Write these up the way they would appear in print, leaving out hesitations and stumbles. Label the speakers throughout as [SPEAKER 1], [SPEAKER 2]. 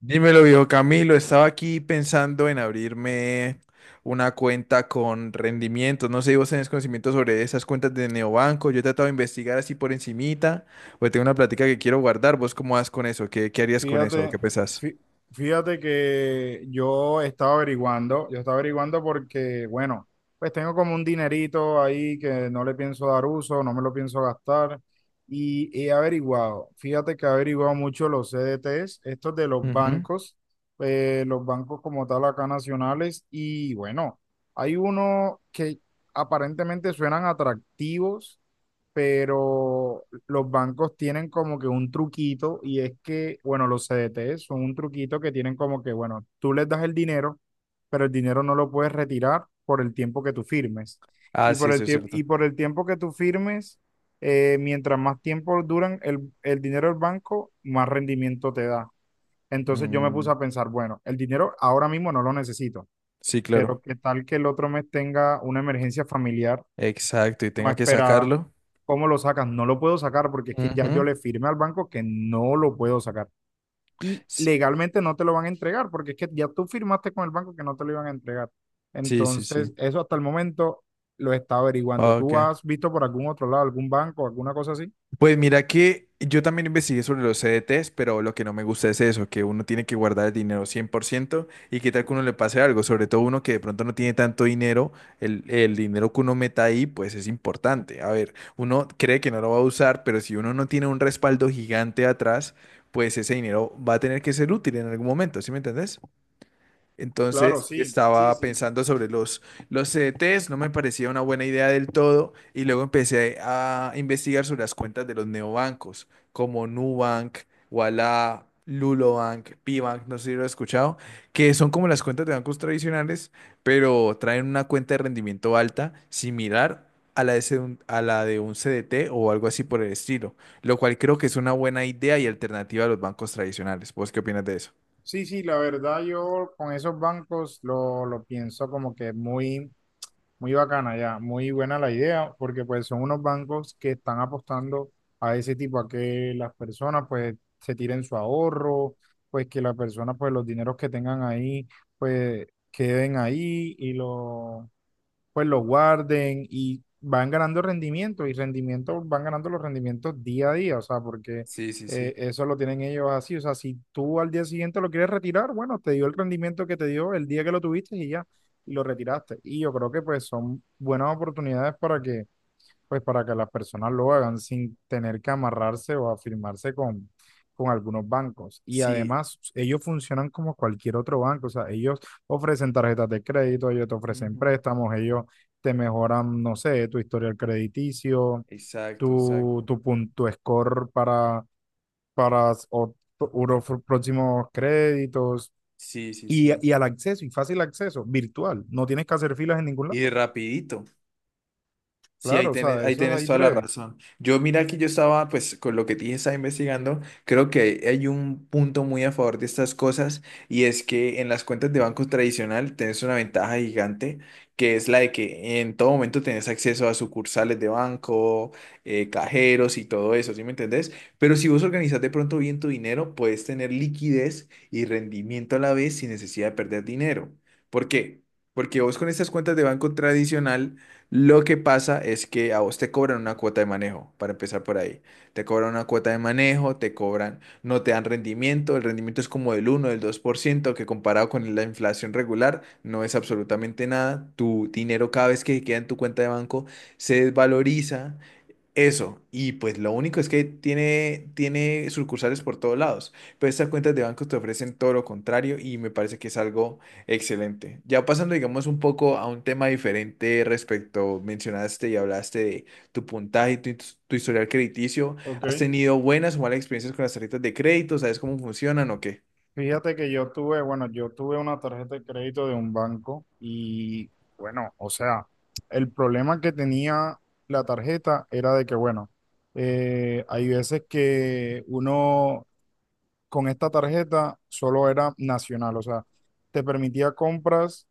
[SPEAKER 1] Dímelo, viejo Camilo. Estaba aquí pensando en abrirme una cuenta con rendimientos. No sé si vos tenés conocimiento sobre esas cuentas de neobanco. Yo he tratado de investigar así por encimita, porque tengo una plática que quiero guardar. ¿Vos cómo vas con eso? ¿Qué harías con eso? ¿Qué
[SPEAKER 2] Fíjate,
[SPEAKER 1] pensás?
[SPEAKER 2] fí- fíjate que yo estaba averiguando, porque, bueno, pues tengo como un dinerito ahí que no le pienso dar uso, no me lo pienso gastar y he averiguado, fíjate que he averiguado mucho los CDTs, estos de
[SPEAKER 1] Ujú.
[SPEAKER 2] los bancos como tal acá nacionales y bueno, hay uno que aparentemente suenan atractivos pero los bancos tienen como que un truquito y es que, bueno, los CDT son un truquito que tienen como que, bueno, tú les das el dinero, pero el dinero no lo puedes retirar por el tiempo que tú firmes.
[SPEAKER 1] Ah,
[SPEAKER 2] Y por
[SPEAKER 1] sí, sí,
[SPEAKER 2] el
[SPEAKER 1] es
[SPEAKER 2] tiempo,
[SPEAKER 1] cierto.
[SPEAKER 2] y por el tiempo que tú firmes, mientras más tiempo duran el dinero del banco, más rendimiento te da. Entonces yo me puse
[SPEAKER 1] Mm,
[SPEAKER 2] a pensar, bueno, el dinero ahora mismo no lo necesito,
[SPEAKER 1] sí, claro.
[SPEAKER 2] pero qué tal que el otro mes tenga una emergencia familiar
[SPEAKER 1] Exacto, y
[SPEAKER 2] no
[SPEAKER 1] tenga que
[SPEAKER 2] esperada.
[SPEAKER 1] sacarlo.
[SPEAKER 2] ¿Cómo lo sacan? No lo puedo sacar porque es que ya yo
[SPEAKER 1] Ujú.
[SPEAKER 2] le firmé al banco que no lo puedo sacar. Y
[SPEAKER 1] S-
[SPEAKER 2] legalmente no te lo van a entregar porque es que ya tú firmaste con el banco que no te lo iban a entregar.
[SPEAKER 1] Sí, sí, sí.
[SPEAKER 2] Entonces, eso hasta el momento lo está averiguando. ¿Tú
[SPEAKER 1] Ok.
[SPEAKER 2] has visto por algún otro lado, algún banco, alguna cosa así?
[SPEAKER 1] Pues mira que yo también investigué sobre los CDTs, pero lo que no me gusta es eso, que uno tiene que guardar el dinero 100% y qué tal que uno le pase algo, sobre todo uno que de pronto no tiene tanto dinero, el dinero que uno meta ahí pues es importante. A ver, uno cree que no lo va a usar, pero si uno no tiene un respaldo gigante atrás, pues ese dinero va a tener que ser útil en algún momento, ¿sí me entendés?
[SPEAKER 2] Claro,
[SPEAKER 1] Entonces
[SPEAKER 2] sí, sí,
[SPEAKER 1] estaba
[SPEAKER 2] sí.
[SPEAKER 1] pensando sobre los CDTs, no me parecía una buena idea del todo y luego empecé a investigar sobre las cuentas de los neobancos como Nubank, Ualá, Lulobank, Pibank, no sé si lo has escuchado, que son como las cuentas de bancos tradicionales, pero traen una cuenta de rendimiento alta similar a la de un CDT o algo así por el estilo, lo cual creo que es una buena idea y alternativa a los bancos tradicionales. ¿Vos qué opinas de eso?
[SPEAKER 2] Sí, sí, la verdad yo con esos bancos lo pienso como que muy... Muy bacana ya, muy buena la idea, porque pues son unos bancos que están apostando a ese tipo, a que las personas pues se tiren su ahorro, pues que las personas pues los dineros que tengan ahí pues queden ahí y lo pues lo guarden y van ganando rendimiento y rendimiento, van ganando los rendimientos día a día, o sea, porque
[SPEAKER 1] Sí, sí, sí.
[SPEAKER 2] eso lo tienen ellos así, o sea, si tú al día siguiente lo quieres retirar, bueno, te dio el rendimiento que te dio el día que lo tuviste y ya, y lo retiraste. Y yo creo que pues son buenas oportunidades para que pues para que las personas lo hagan sin tener que amarrarse o afirmarse con algunos bancos. Y
[SPEAKER 1] Sí,
[SPEAKER 2] además, ellos funcionan como cualquier otro banco, o sea, ellos ofrecen tarjetas de crédito, ellos te ofrecen
[SPEAKER 1] ujú.
[SPEAKER 2] préstamos, ellos te mejoran, no sé, tu historial crediticio,
[SPEAKER 1] Exacto, exacto.
[SPEAKER 2] tu score para, para próximos créditos.
[SPEAKER 1] Sí, sí,
[SPEAKER 2] Y,
[SPEAKER 1] sí.
[SPEAKER 2] y al acceso, y fácil acceso, virtual. No tienes que hacer filas en ningún
[SPEAKER 1] Y
[SPEAKER 2] lado.
[SPEAKER 1] rapidito. Sí,
[SPEAKER 2] Claro, o sea,
[SPEAKER 1] ahí
[SPEAKER 2] eso es
[SPEAKER 1] tienes
[SPEAKER 2] ahí
[SPEAKER 1] toda la
[SPEAKER 2] breve.
[SPEAKER 1] razón. Yo mira que yo estaba, pues con lo que te dije, estaba investigando, creo que hay un punto muy a favor de estas cosas y es que en las cuentas de banco tradicional tenés una ventaja gigante que es la de que en todo momento tenés acceso a sucursales de banco, cajeros y todo eso, ¿sí me entendés? Pero si vos organizás de pronto bien tu dinero, puedes tener liquidez y rendimiento a la vez sin necesidad de perder dinero. ¿Por qué? Porque vos con estas cuentas de banco tradicional lo que pasa es que a vos te cobran una cuota de manejo, para empezar por ahí. Te cobran una cuota de manejo, te cobran, no te dan rendimiento, el rendimiento es como del uno, del 2% que comparado con la inflación regular no es absolutamente nada. Tu dinero cada vez que queda en tu cuenta de banco se desvaloriza eso, y pues lo único es que tiene sucursales por todos lados, pero estas cuentas de bancos te ofrecen todo lo contrario y me parece que es algo excelente. Ya pasando, digamos, un poco a un tema diferente respecto, mencionaste y hablaste de tu puntaje, tu historial crediticio, ¿has
[SPEAKER 2] Ok.
[SPEAKER 1] tenido buenas o malas experiencias con las tarjetas de crédito? ¿Sabes cómo funcionan o qué?
[SPEAKER 2] Fíjate que yo tuve, bueno, yo tuve una tarjeta de crédito de un banco y bueno, o sea, el problema que tenía la tarjeta era de que, bueno, hay veces que uno con esta tarjeta solo era nacional, o sea, te permitía compras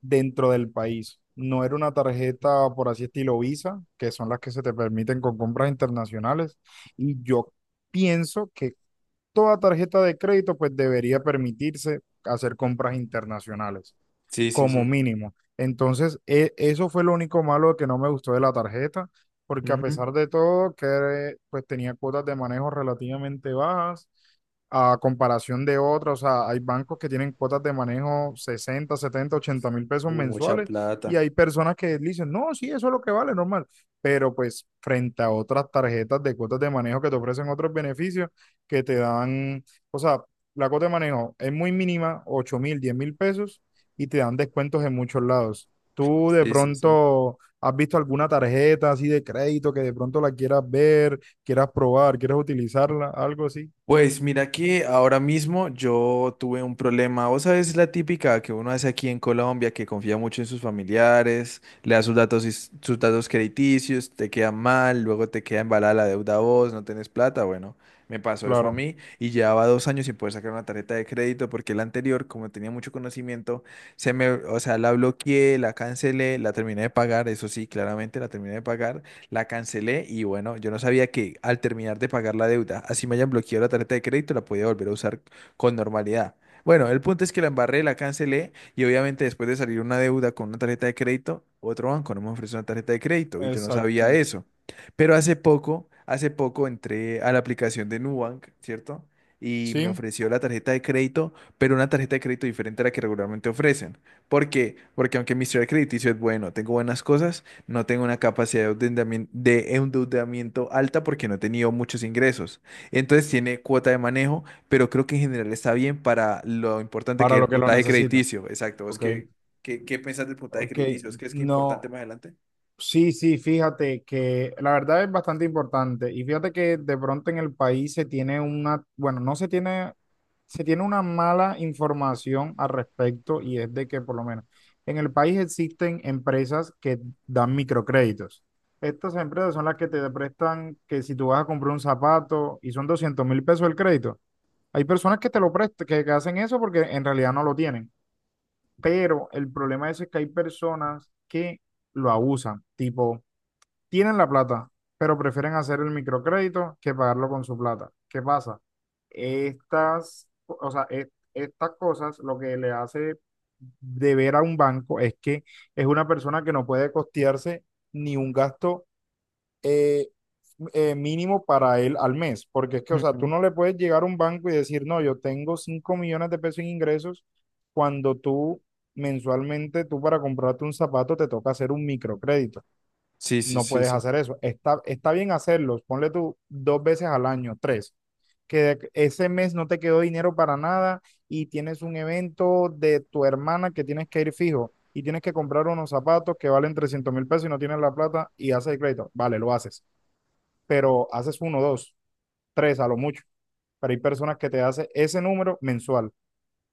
[SPEAKER 2] dentro del país. No era una tarjeta, por así estilo Visa, que son las que se te permiten con compras internacionales. Y yo pienso que toda tarjeta de crédito pues debería permitirse hacer compras internacionales
[SPEAKER 1] Sí, sí,
[SPEAKER 2] como
[SPEAKER 1] sí.
[SPEAKER 2] mínimo. Entonces, eso fue lo único malo que no me gustó de la tarjeta, porque a
[SPEAKER 1] Ujú.
[SPEAKER 2] pesar de todo, que pues tenía cuotas de manejo relativamente bajas a comparación de otras, o sea, hay bancos que tienen cuotas de manejo 60.000, 70.000, 80.000 pesos
[SPEAKER 1] Mucha
[SPEAKER 2] mensuales y
[SPEAKER 1] plata.
[SPEAKER 2] hay personas que dicen, no, sí, eso es lo que vale, normal, pero pues frente a otras tarjetas de cuotas de manejo que te ofrecen otros beneficios que te dan, o sea, la cuota de manejo es muy mínima, 8.000, 10.000 pesos y te dan descuentos en muchos lados. ¿Tú de
[SPEAKER 1] Sí, sí, sí.
[SPEAKER 2] pronto has visto alguna tarjeta así de crédito que de pronto la quieras ver, quieras probar, quieras utilizarla, algo así?
[SPEAKER 1] Pues mira que ahora mismo yo tuve un problema, vos sabes, la típica que uno hace aquí en Colombia, que confía mucho en sus familiares, le da sus datos, y sus datos crediticios, te queda mal, luego te queda embalada la deuda a vos, no tenés plata, bueno, me pasó eso a
[SPEAKER 2] Claro,
[SPEAKER 1] mí y llevaba dos años sin poder sacar una tarjeta de crédito porque la anterior, como tenía mucho conocimiento, se me, o sea, la bloqueé, la cancelé, la terminé de pagar, eso sí, claramente la terminé de pagar la cancelé y bueno, yo no sabía que al terminar de pagar la deuda, así me hayan bloqueado la tarjeta de crédito, la podía volver a usar con normalidad. Bueno, el punto es que la embarré, la cancelé y obviamente después de salir una deuda con una tarjeta de crédito, otro banco no me ofreció una tarjeta de crédito y yo no
[SPEAKER 2] exacto.
[SPEAKER 1] sabía eso. Pero hace poco entré a la aplicación de Nubank, ¿cierto? Y me
[SPEAKER 2] Sí,
[SPEAKER 1] ofreció la tarjeta de crédito, pero una tarjeta de crédito diferente a la que regularmente ofrecen. ¿Por qué? Porque aunque mi historial crediticio es bueno, tengo buenas cosas, no tengo una capacidad de endeudamiento alta porque no he tenido muchos ingresos. Entonces tiene cuota de manejo, pero creo que en general está bien para lo importante que
[SPEAKER 2] para
[SPEAKER 1] es el
[SPEAKER 2] lo que lo
[SPEAKER 1] puntaje
[SPEAKER 2] necesita.
[SPEAKER 1] crediticio. Exacto. ¿Vos
[SPEAKER 2] Ok,
[SPEAKER 1] qué pensás del puntaje
[SPEAKER 2] ok,
[SPEAKER 1] crediticio? ¿Vos crees que es
[SPEAKER 2] no.
[SPEAKER 1] importante más adelante?
[SPEAKER 2] Sí, sí, fíjate que la verdad es bastante importante y fíjate que de pronto en el país se tiene una, bueno, no se tiene, se tiene una mala información al respecto y es de que por lo menos en el país existen empresas que dan microcréditos. Estas empresas son las que te prestan que si tú vas a comprar un zapato y son 200.000 pesos el crédito, hay personas que te lo prestan, que hacen eso porque en realidad no lo tienen, pero el problema es que hay personas que lo abusan, tipo... Tienen la plata, pero prefieren hacer el microcrédito que pagarlo con su plata. ¿Qué pasa? Estas, o sea, e- Estas cosas lo que le hace deber a un banco es que es una persona que no puede costearse ni un gasto eh, mínimo para él al mes, porque es que, o sea, tú
[SPEAKER 1] Ujú.
[SPEAKER 2] no le puedes llegar a un banco y decir, no, yo tengo 5.000.000 de pesos en ingresos cuando tú mensualmente, tú para comprarte un zapato te toca hacer un microcrédito.
[SPEAKER 1] Sí, sí,
[SPEAKER 2] No
[SPEAKER 1] sí,
[SPEAKER 2] puedes
[SPEAKER 1] sí.
[SPEAKER 2] hacer eso. Está bien hacerlos. Ponle tú dos veces al año, tres. Ese mes no te quedó dinero para nada y tienes un evento de tu hermana que tienes que ir fijo y tienes que comprar unos zapatos que valen 300.000 pesos y no tienes la plata y haces el crédito. Vale, lo haces. Pero haces uno, dos, tres a lo mucho. Pero hay personas que te hacen ese número mensual.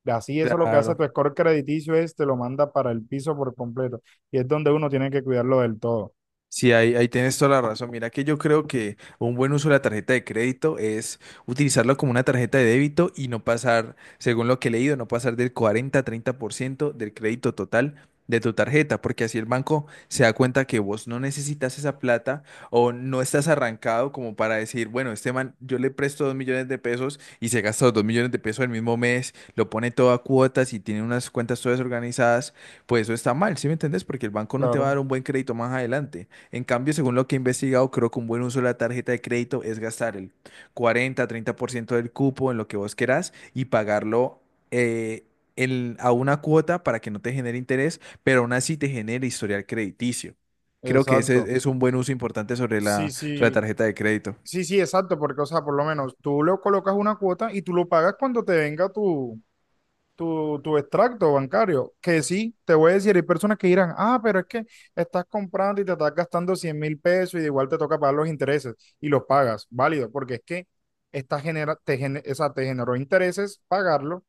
[SPEAKER 2] Así eso lo que hace
[SPEAKER 1] Claro.
[SPEAKER 2] tu score crediticio es te lo manda para el piso por completo. Y es donde uno tiene que cuidarlo del todo.
[SPEAKER 1] Sí, ahí, ahí tienes toda la razón. Mira que yo creo que un buen uso de la tarjeta de crédito es utilizarlo como una tarjeta de débito y no pasar, según lo que he leído, no pasar del cuarenta, treinta por ciento del crédito total de tu tarjeta, porque así el banco se da cuenta que vos no necesitas esa plata o no estás arrancado como para decir, bueno, este man, yo le presto dos millones de pesos y se gasta los dos millones de pesos el mismo mes, lo pone todo a cuotas y tiene unas cuentas todas organizadas, pues eso está mal, ¿sí me entendés? Porque el banco no te va a
[SPEAKER 2] Claro,
[SPEAKER 1] dar un buen crédito más adelante. En cambio, según lo que he investigado, creo que un buen uso de la tarjeta de crédito es gastar el 40-30% del cupo en lo que vos querás y pagarlo eh, a una cuota para que no te genere interés, pero aún así te genere historial crediticio. Creo que ese es
[SPEAKER 2] exacto.
[SPEAKER 1] es un buen uso importante sobre
[SPEAKER 2] Sí,
[SPEAKER 1] la
[SPEAKER 2] sí,
[SPEAKER 1] tarjeta de crédito.
[SPEAKER 2] sí, sí, exacto, porque, o sea, por lo menos tú le colocas una cuota y tú lo pagas cuando te venga tu, tu extracto bancario, que sí, te voy a decir, hay personas que dirán, ah, pero es que estás comprando y te estás gastando 100.000 pesos y de igual te toca pagar los intereses y los pagas, válido, porque es que esta genera, o sea, te generó intereses pagarlo,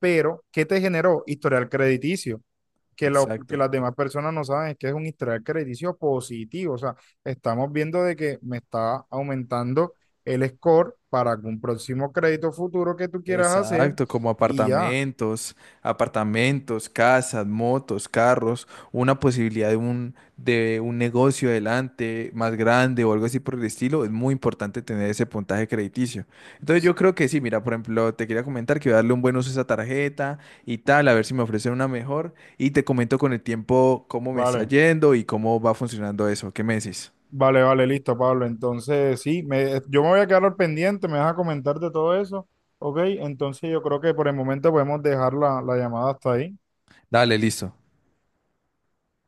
[SPEAKER 2] pero ¿qué te generó? Historial crediticio que, que
[SPEAKER 1] Exacto.
[SPEAKER 2] las demás personas no saben es que es un historial crediticio positivo. O sea, estamos viendo de que me está aumentando el score para algún próximo crédito futuro que tú quieras hacer
[SPEAKER 1] Exacto, como
[SPEAKER 2] y ya.
[SPEAKER 1] apartamentos, apartamentos, casas, motos, carros, una posibilidad de un negocio adelante más grande o algo así por el estilo, es muy importante tener ese puntaje crediticio. Entonces yo creo que sí, mira, por ejemplo, te quería comentar que voy a darle un buen uso a esa tarjeta y tal, a ver si me ofrecen una mejor y te comento con el tiempo cómo me está
[SPEAKER 2] Vale,
[SPEAKER 1] yendo y cómo va funcionando eso. ¿Qué me decís?
[SPEAKER 2] vale, vale, listo, Pablo. Entonces, sí, yo me voy a quedar al pendiente, me vas a comentar de todo eso. Ok, entonces yo creo que por el momento podemos dejar la llamada hasta ahí.
[SPEAKER 1] Dale, listo.